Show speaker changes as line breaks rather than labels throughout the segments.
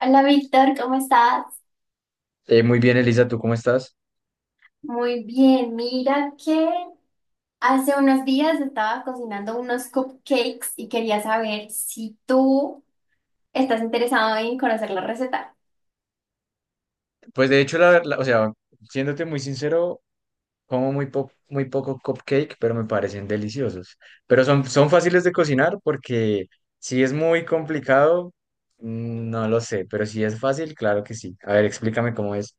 Hola Víctor, ¿cómo estás?
Muy bien, Elisa, ¿tú cómo estás?
Muy bien, mira que hace unos días estaba cocinando unos cupcakes y quería saber si tú estás interesado en conocer la receta.
Pues de hecho, siéndote muy sincero, como muy, muy poco cupcake, pero me parecen deliciosos. Pero son fáciles de cocinar porque si es muy complicado, no lo sé, pero si es fácil, claro que sí. A ver, explícame cómo es.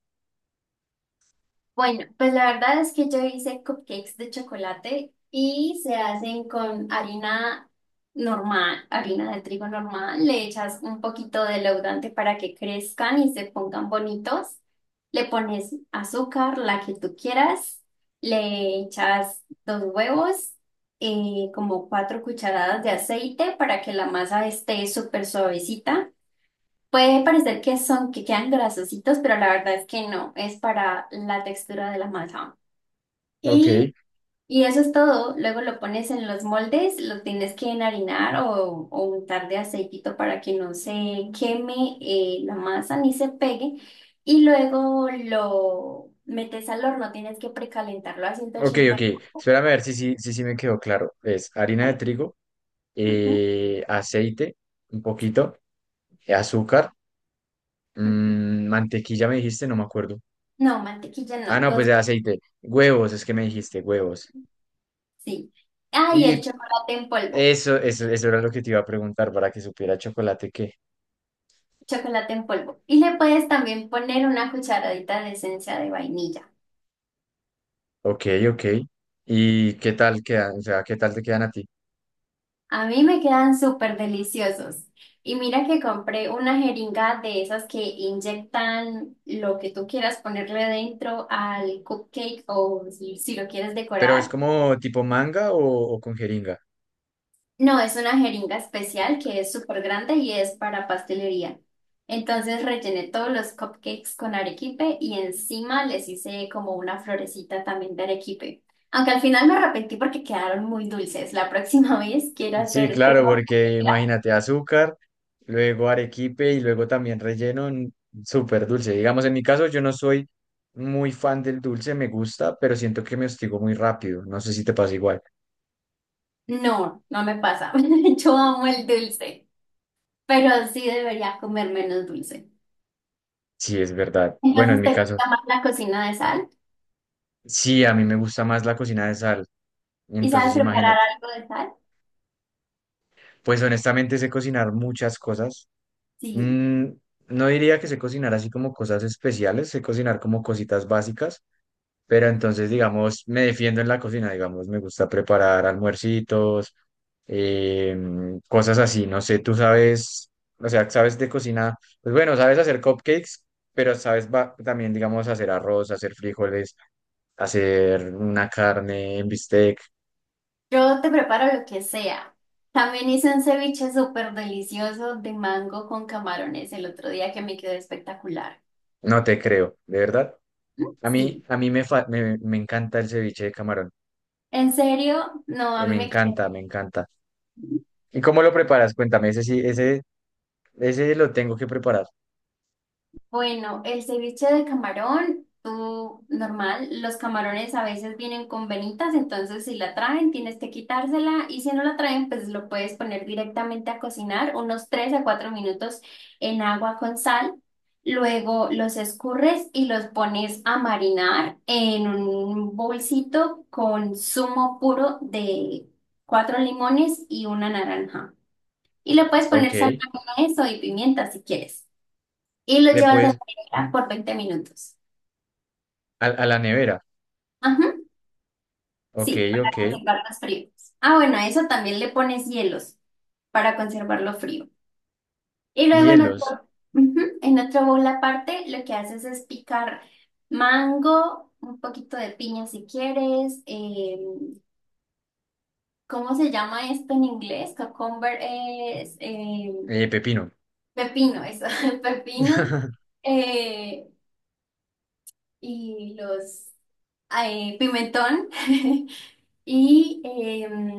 Bueno, pues la verdad es que yo hice cupcakes de chocolate y se hacen con harina normal, harina de trigo normal. Le echas un poquito de leudante para que crezcan y se pongan bonitos. Le pones azúcar, la que tú quieras. Le echas dos huevos, como 4 cucharadas de aceite para que la masa esté súper suavecita. Puede parecer que quedan grasositos, pero la verdad es que no, es para la textura de la masa.
Ok,
Y, y eso es todo. Luego lo pones en los moldes, lo tienes que enharinar o untar de aceitito para que no se queme la masa ni se pegue. Y luego lo metes al horno, tienes que precalentarlo a ciento
ok,
ochenta
ok.
grados.
Espérame a ver si me quedó claro. Es harina de trigo,
Ujú,
aceite, un
sí,
poquito, azúcar,
ujú.
mantequilla me dijiste, no me acuerdo.
No, mantequilla
Ah,
no,
no, pues
dos,
de aceite. Huevos, es que me dijiste, huevos.
sí. Ah, y el
Y
chocolate en polvo.
eso era lo que te iba a preguntar para que supiera chocolate qué.
Chocolate en polvo. Y le puedes también poner una cucharadita de esencia de vainilla.
Ok, ok. ¿Y qué tal quedan? O sea, ¿qué tal te quedan a ti?
A mí me quedan súper deliciosos. Y mira que compré una jeringa de esas que inyectan lo que tú quieras ponerle dentro al cupcake o si lo quieres
¿Pero es
decorar.
como tipo manga o con jeringa?
No, es una jeringa especial que es súper grande y es para pastelería. Entonces rellené todos los cupcakes con arequipe y encima les hice como una florecita también de arequipe. Aunque al final me arrepentí porque quedaron muy dulces. La próxima vez quiero
Sí,
hacer
claro,
crema
porque
pastelera.
imagínate azúcar, luego arequipe y luego también relleno, súper dulce. Digamos, en mi caso yo no soy muy fan del dulce, me gusta, pero siento que me hostigo muy rápido. No sé si te pasa igual.
No, no me pasa. Yo amo el dulce, pero sí debería comer menos dulce.
Sí, es verdad. Bueno, en
Entonces
mi
te
caso.
gusta más la cocina de sal.
Sí, a mí me gusta más la cocina de sal.
¿Y sabes
Entonces,
preparar
imagínate.
algo de sal?
Pues honestamente sé cocinar muchas cosas.
Sí.
Mm, no diría que sé cocinar así como cosas especiales, sé cocinar como cositas básicas, pero entonces, digamos, me defiendo en la cocina, digamos, me gusta preparar almuercitos, cosas así. No sé, tú sabes, o sea, sabes de cocina, pues bueno, sabes hacer cupcakes, pero sabes también, digamos, hacer arroz, hacer frijoles, hacer una carne en bistec.
Yo te preparo lo que sea. También hice un ceviche súper delicioso de mango con camarones el otro día que me quedó espectacular.
No te creo, de verdad. A mí,
Sí.
a mí me, fa- me, me encanta el ceviche de camarón.
En serio, no, a mí me quedó.
Me encanta. ¿Y cómo lo preparas? Cuéntame, ese lo tengo que preparar.
Bueno, el ceviche de camarón, tú normal, los camarones a veces vienen con venitas, entonces si la traen tienes que quitársela y si no la traen pues lo puedes poner directamente a cocinar unos 3 a 4 minutos en agua con sal. Luego los escurres y los pones a marinar en un bolsito con zumo puro de cuatro limones y una naranja. Y le puedes poner sal
Ok.
también a eso y pimienta si quieres y lo
Le
llevas a la
puedes
nevera por 20 minutos.
a la nevera.
Ajá,
Ok,
sí, para
ok.
conservarlos fríos. Ah, bueno, a eso también le pones hielos para conservarlo frío. Y luego en otro,
Hielos.
ujú, en otro bowl aparte, lo que haces es picar mango, un poquito de piña si quieres. ¿ Cómo se llama esto en inglés? Cucumber es
Pepino.
pepino, eso, pepino. eh, y los pimentón. Y, em,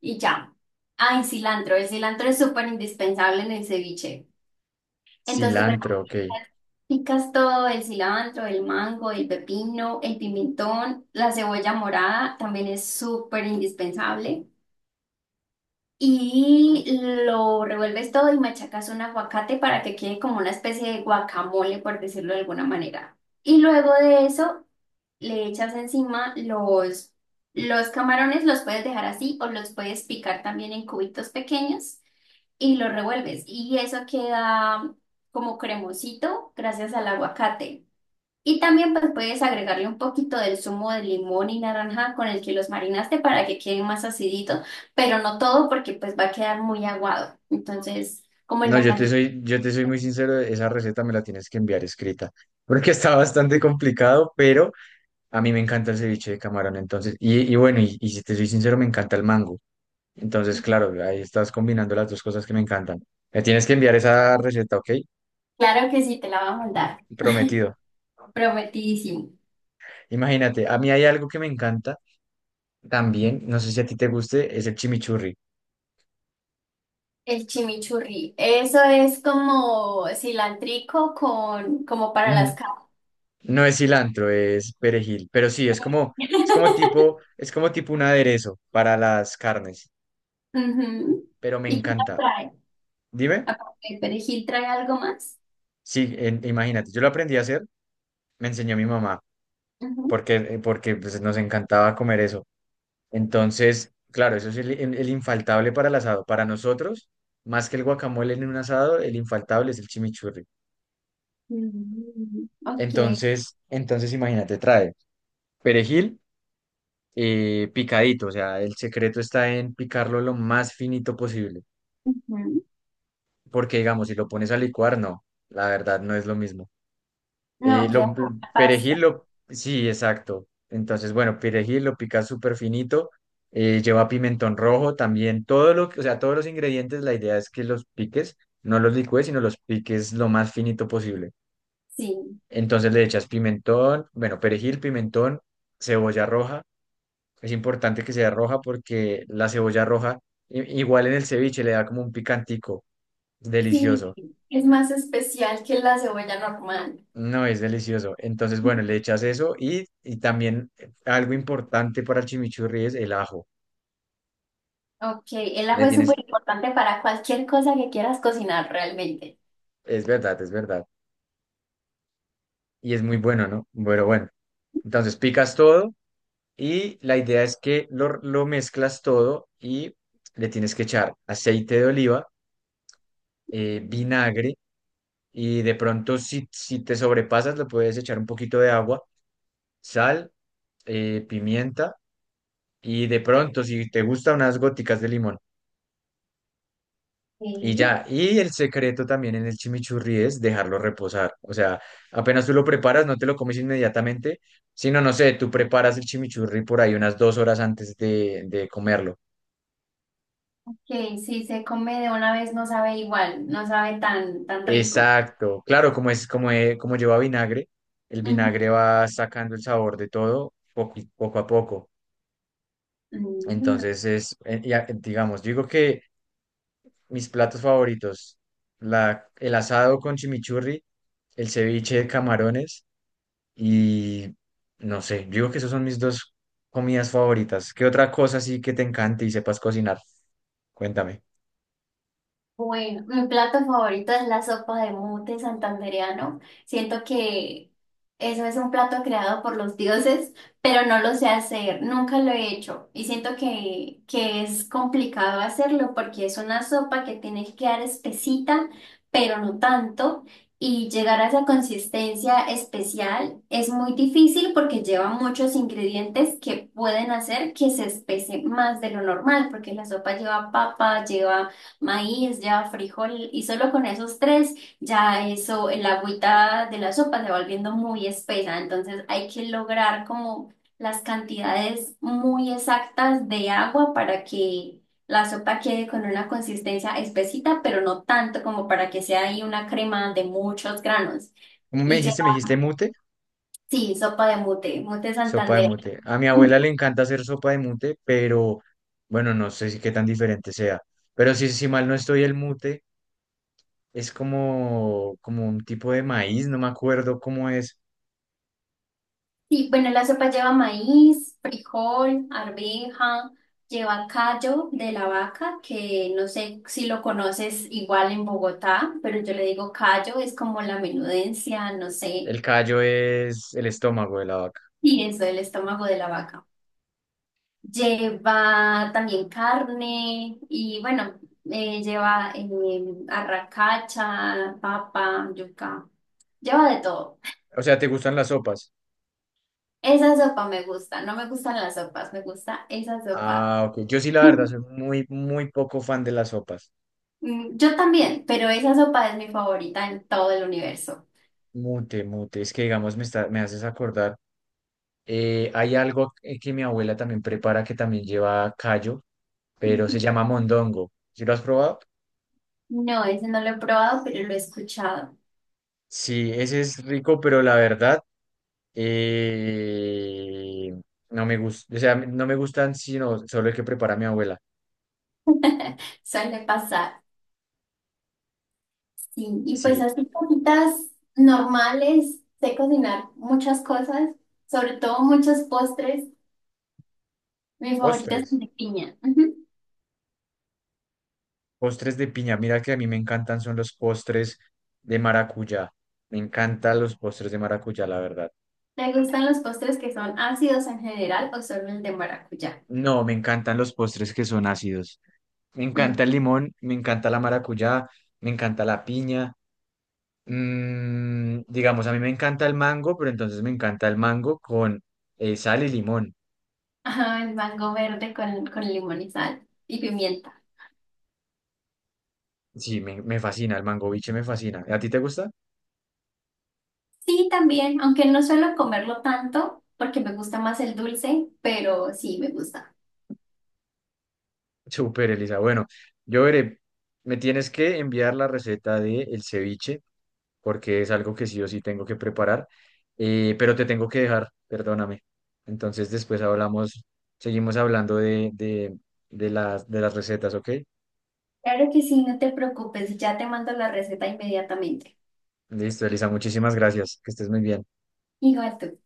y ya. Ah, y cilantro. El cilantro es súper indispensable en el ceviche. Entonces,
Cilantro,
bueno,
ok.
picas todo, el cilantro, el mango, el pepino, el pimentón, la cebolla morada también es súper indispensable. Y lo revuelves todo y machacas un aguacate para que quede como una especie de guacamole, por decirlo de alguna manera. Y luego de eso le echas encima los camarones, los puedes dejar así o los puedes picar también en cubitos pequeños y los revuelves. Y eso queda como cremosito gracias al aguacate. Y también pues puedes agregarle un poquito del zumo de limón y naranja con el que los marinaste para que queden más aciditos, pero no todo porque pues va a quedar muy aguado. Entonces, como en
No,
la cantidad.
yo te soy muy sincero, esa receta me la tienes que enviar escrita, porque está bastante complicado, pero a mí me encanta el ceviche de camarón, entonces, y bueno, y si te soy sincero, me encanta el mango. Entonces, claro, ahí estás combinando las dos cosas que me encantan. Me tienes que enviar esa receta, ¿ok?
Claro que sí, te la va a mandar.
Prometido.
Prometidísimo.
Imagínate, a mí hay algo que me encanta también, no sé si a ti te guste, es el chimichurri.
El chimichurri. Eso es como cilantrico con, como para
Mm,
las carnes.
no es cilantro, es perejil, pero sí, es como tipo un aderezo para las carnes,
Ujú.
pero me
¿Y qué más
encanta.
trae?
Dime,
Aparte del perejil, ¿trae algo más?
sí, imagínate, yo lo aprendí a hacer, me enseñó mi mamá,
Ujú.
porque pues, nos encantaba comer eso. Entonces, claro, eso es el infaltable para el asado. Para nosotros, más que el guacamole en un asado, el infaltable es el chimichurri.
Mm, ok.
Entonces imagínate, trae perejil picadito, o sea, el secreto está en picarlo lo más finito posible,
Ujú.
porque digamos, si lo pones a licuar, no, la verdad no es lo mismo. Eh,
No, queda
lo,
como una
perejil,
pasta.
sí, exacto. Entonces, bueno, perejil lo picas súper finito, lleva pimentón rojo también, todo lo que, o sea, todos los ingredientes, la idea es que los piques, no los licúes, sino los piques lo más finito posible.
Sí,
Entonces le echas pimentón, bueno, perejil, pimentón, cebolla roja. Es importante que sea roja porque la cebolla roja, igual en el ceviche, le da como un picantico
sí.
delicioso.
Es más especial que la cebolla normal.
No, es delicioso. Entonces, bueno,
Ujú.
le echas eso y también algo importante para el chimichurri es el ajo.
Ok, el ajo
Le
es súper
tienes,
importante para cualquier cosa que quieras cocinar realmente.
es verdad, es verdad. Y es muy bueno, ¿no? Bueno, bueno. Entonces picas todo y la idea es que lo mezclas todo y le tienes que echar aceite de oliva, vinagre y de pronto si te sobrepasas le puedes echar un poquito de agua, sal, pimienta y de pronto si te gustan unas góticas de limón. Y
Sí,
ya, y el secreto también en el chimichurri es dejarlo reposar. O sea, apenas tú lo preparas, no te lo comes inmediatamente, sino, no sé, tú preparas el chimichurri por ahí unas dos horas antes de comerlo.
que si se come de una vez no sabe igual, no sabe tan, tan rico.
Exacto. Claro, como como lleva vinagre, el
Ujú.
vinagre va sacando el sabor de todo poco a poco.
Mm.
Entonces ya, digamos, digo que mis platos favoritos, el asado con chimichurri, el ceviche de camarones. Y no sé, yo digo que esas son mis dos comidas favoritas. ¿Qué otra cosa sí que te encante y sepas cocinar? Cuéntame.
Bueno, mi plato favorito es la sopa de mute santandereano. Siento que eso es un plato creado por los dioses, pero no lo sé hacer, nunca lo he hecho y siento que es complicado hacerlo porque es una sopa que tiene que quedar espesita, pero no tanto. Y llegar a esa consistencia especial es muy difícil porque lleva muchos ingredientes que pueden hacer que se espese más de lo normal, porque la sopa lleva papa, lleva maíz, ya frijol, y solo con esos tres, ya eso, el agüita de la sopa se va volviendo muy espesa, entonces hay que lograr como las cantidades muy exactas de agua para que la sopa quede con una consistencia espesita, pero no tanto como para que sea ahí una crema de muchos granos.
¿Cómo me
Y ya,
dijiste? ¿Me dijiste mute?
sí, sopa de mute, mute
Sopa de
Santander.
mute. A mi abuela le encanta hacer sopa de mute, pero bueno, no sé si qué tan diferente sea. Pero si, si mal no estoy, el mute es como un tipo de maíz, no me acuerdo cómo es.
Sí, bueno, la sopa lleva maíz, frijol, arveja, lleva callo de la vaca, que no sé si lo conoces igual en Bogotá, pero yo le digo callo, es como la menudencia, no sé,
El callo es el estómago de la vaca.
y eso, el estómago de la vaca. Lleva también carne y bueno, lleva arracacha, papa, yuca, lleva de todo.
O sea, ¿te gustan las sopas?
Esa sopa me gusta, no me gustan las sopas, me gusta esa sopa.
Ah, ok. Yo sí, la verdad, soy muy, muy poco fan de las sopas.
Yo también, pero esa sopa es mi favorita en todo el universo.
Mute, mute. Es que, digamos, me haces acordar. Hay algo que mi abuela también prepara que también lleva callo, pero se
Ujú.
llama mondongo. ¿Sí lo has probado?
No, ese no lo he probado, pero lo he escuchado.
Sí, ese es rico, pero la verdad, eh, no me gusta. O sea, no me gustan sino solo el que prepara mi abuela.
Suele pasar. Sí, y pues
Sí,
así cositas normales, sé cocinar muchas cosas, sobre todo muchos postres. Mi favorita es el
postres.
de piña. Ujú.
Postres de piña. Mira que a mí me encantan son los postres de maracuyá. Me encantan los postres de maracuyá, la verdad.
¿Te gustan los postres que son ácidos en general o solo el de maracuyá?
No, me encantan los postres que son ácidos. Me
Mm.
encanta el limón, me encanta la maracuyá, me encanta la piña. Mm, digamos, a mí me encanta el mango, pero entonces me encanta el mango con sal y limón.
Ajá, el mango verde con limón y sal y pimienta.
Sí, me fascina, el mango biche me fascina. ¿A ti te gusta?
Sí, también, aunque no suelo comerlo tanto porque me gusta más el dulce, pero sí me gusta.
Súper, Elisa. Bueno, yo veré, me tienes que enviar la receta de el ceviche, porque es algo que sí o sí tengo que preparar, pero te tengo que dejar, perdóname. Entonces después hablamos, seguimos hablando de de las recetas, ¿ok?
Claro que sí, no te preocupes, ya te mando la receta inmediatamente.
Listo, Elisa, muchísimas gracias. Que estés muy bien.
Igual tú.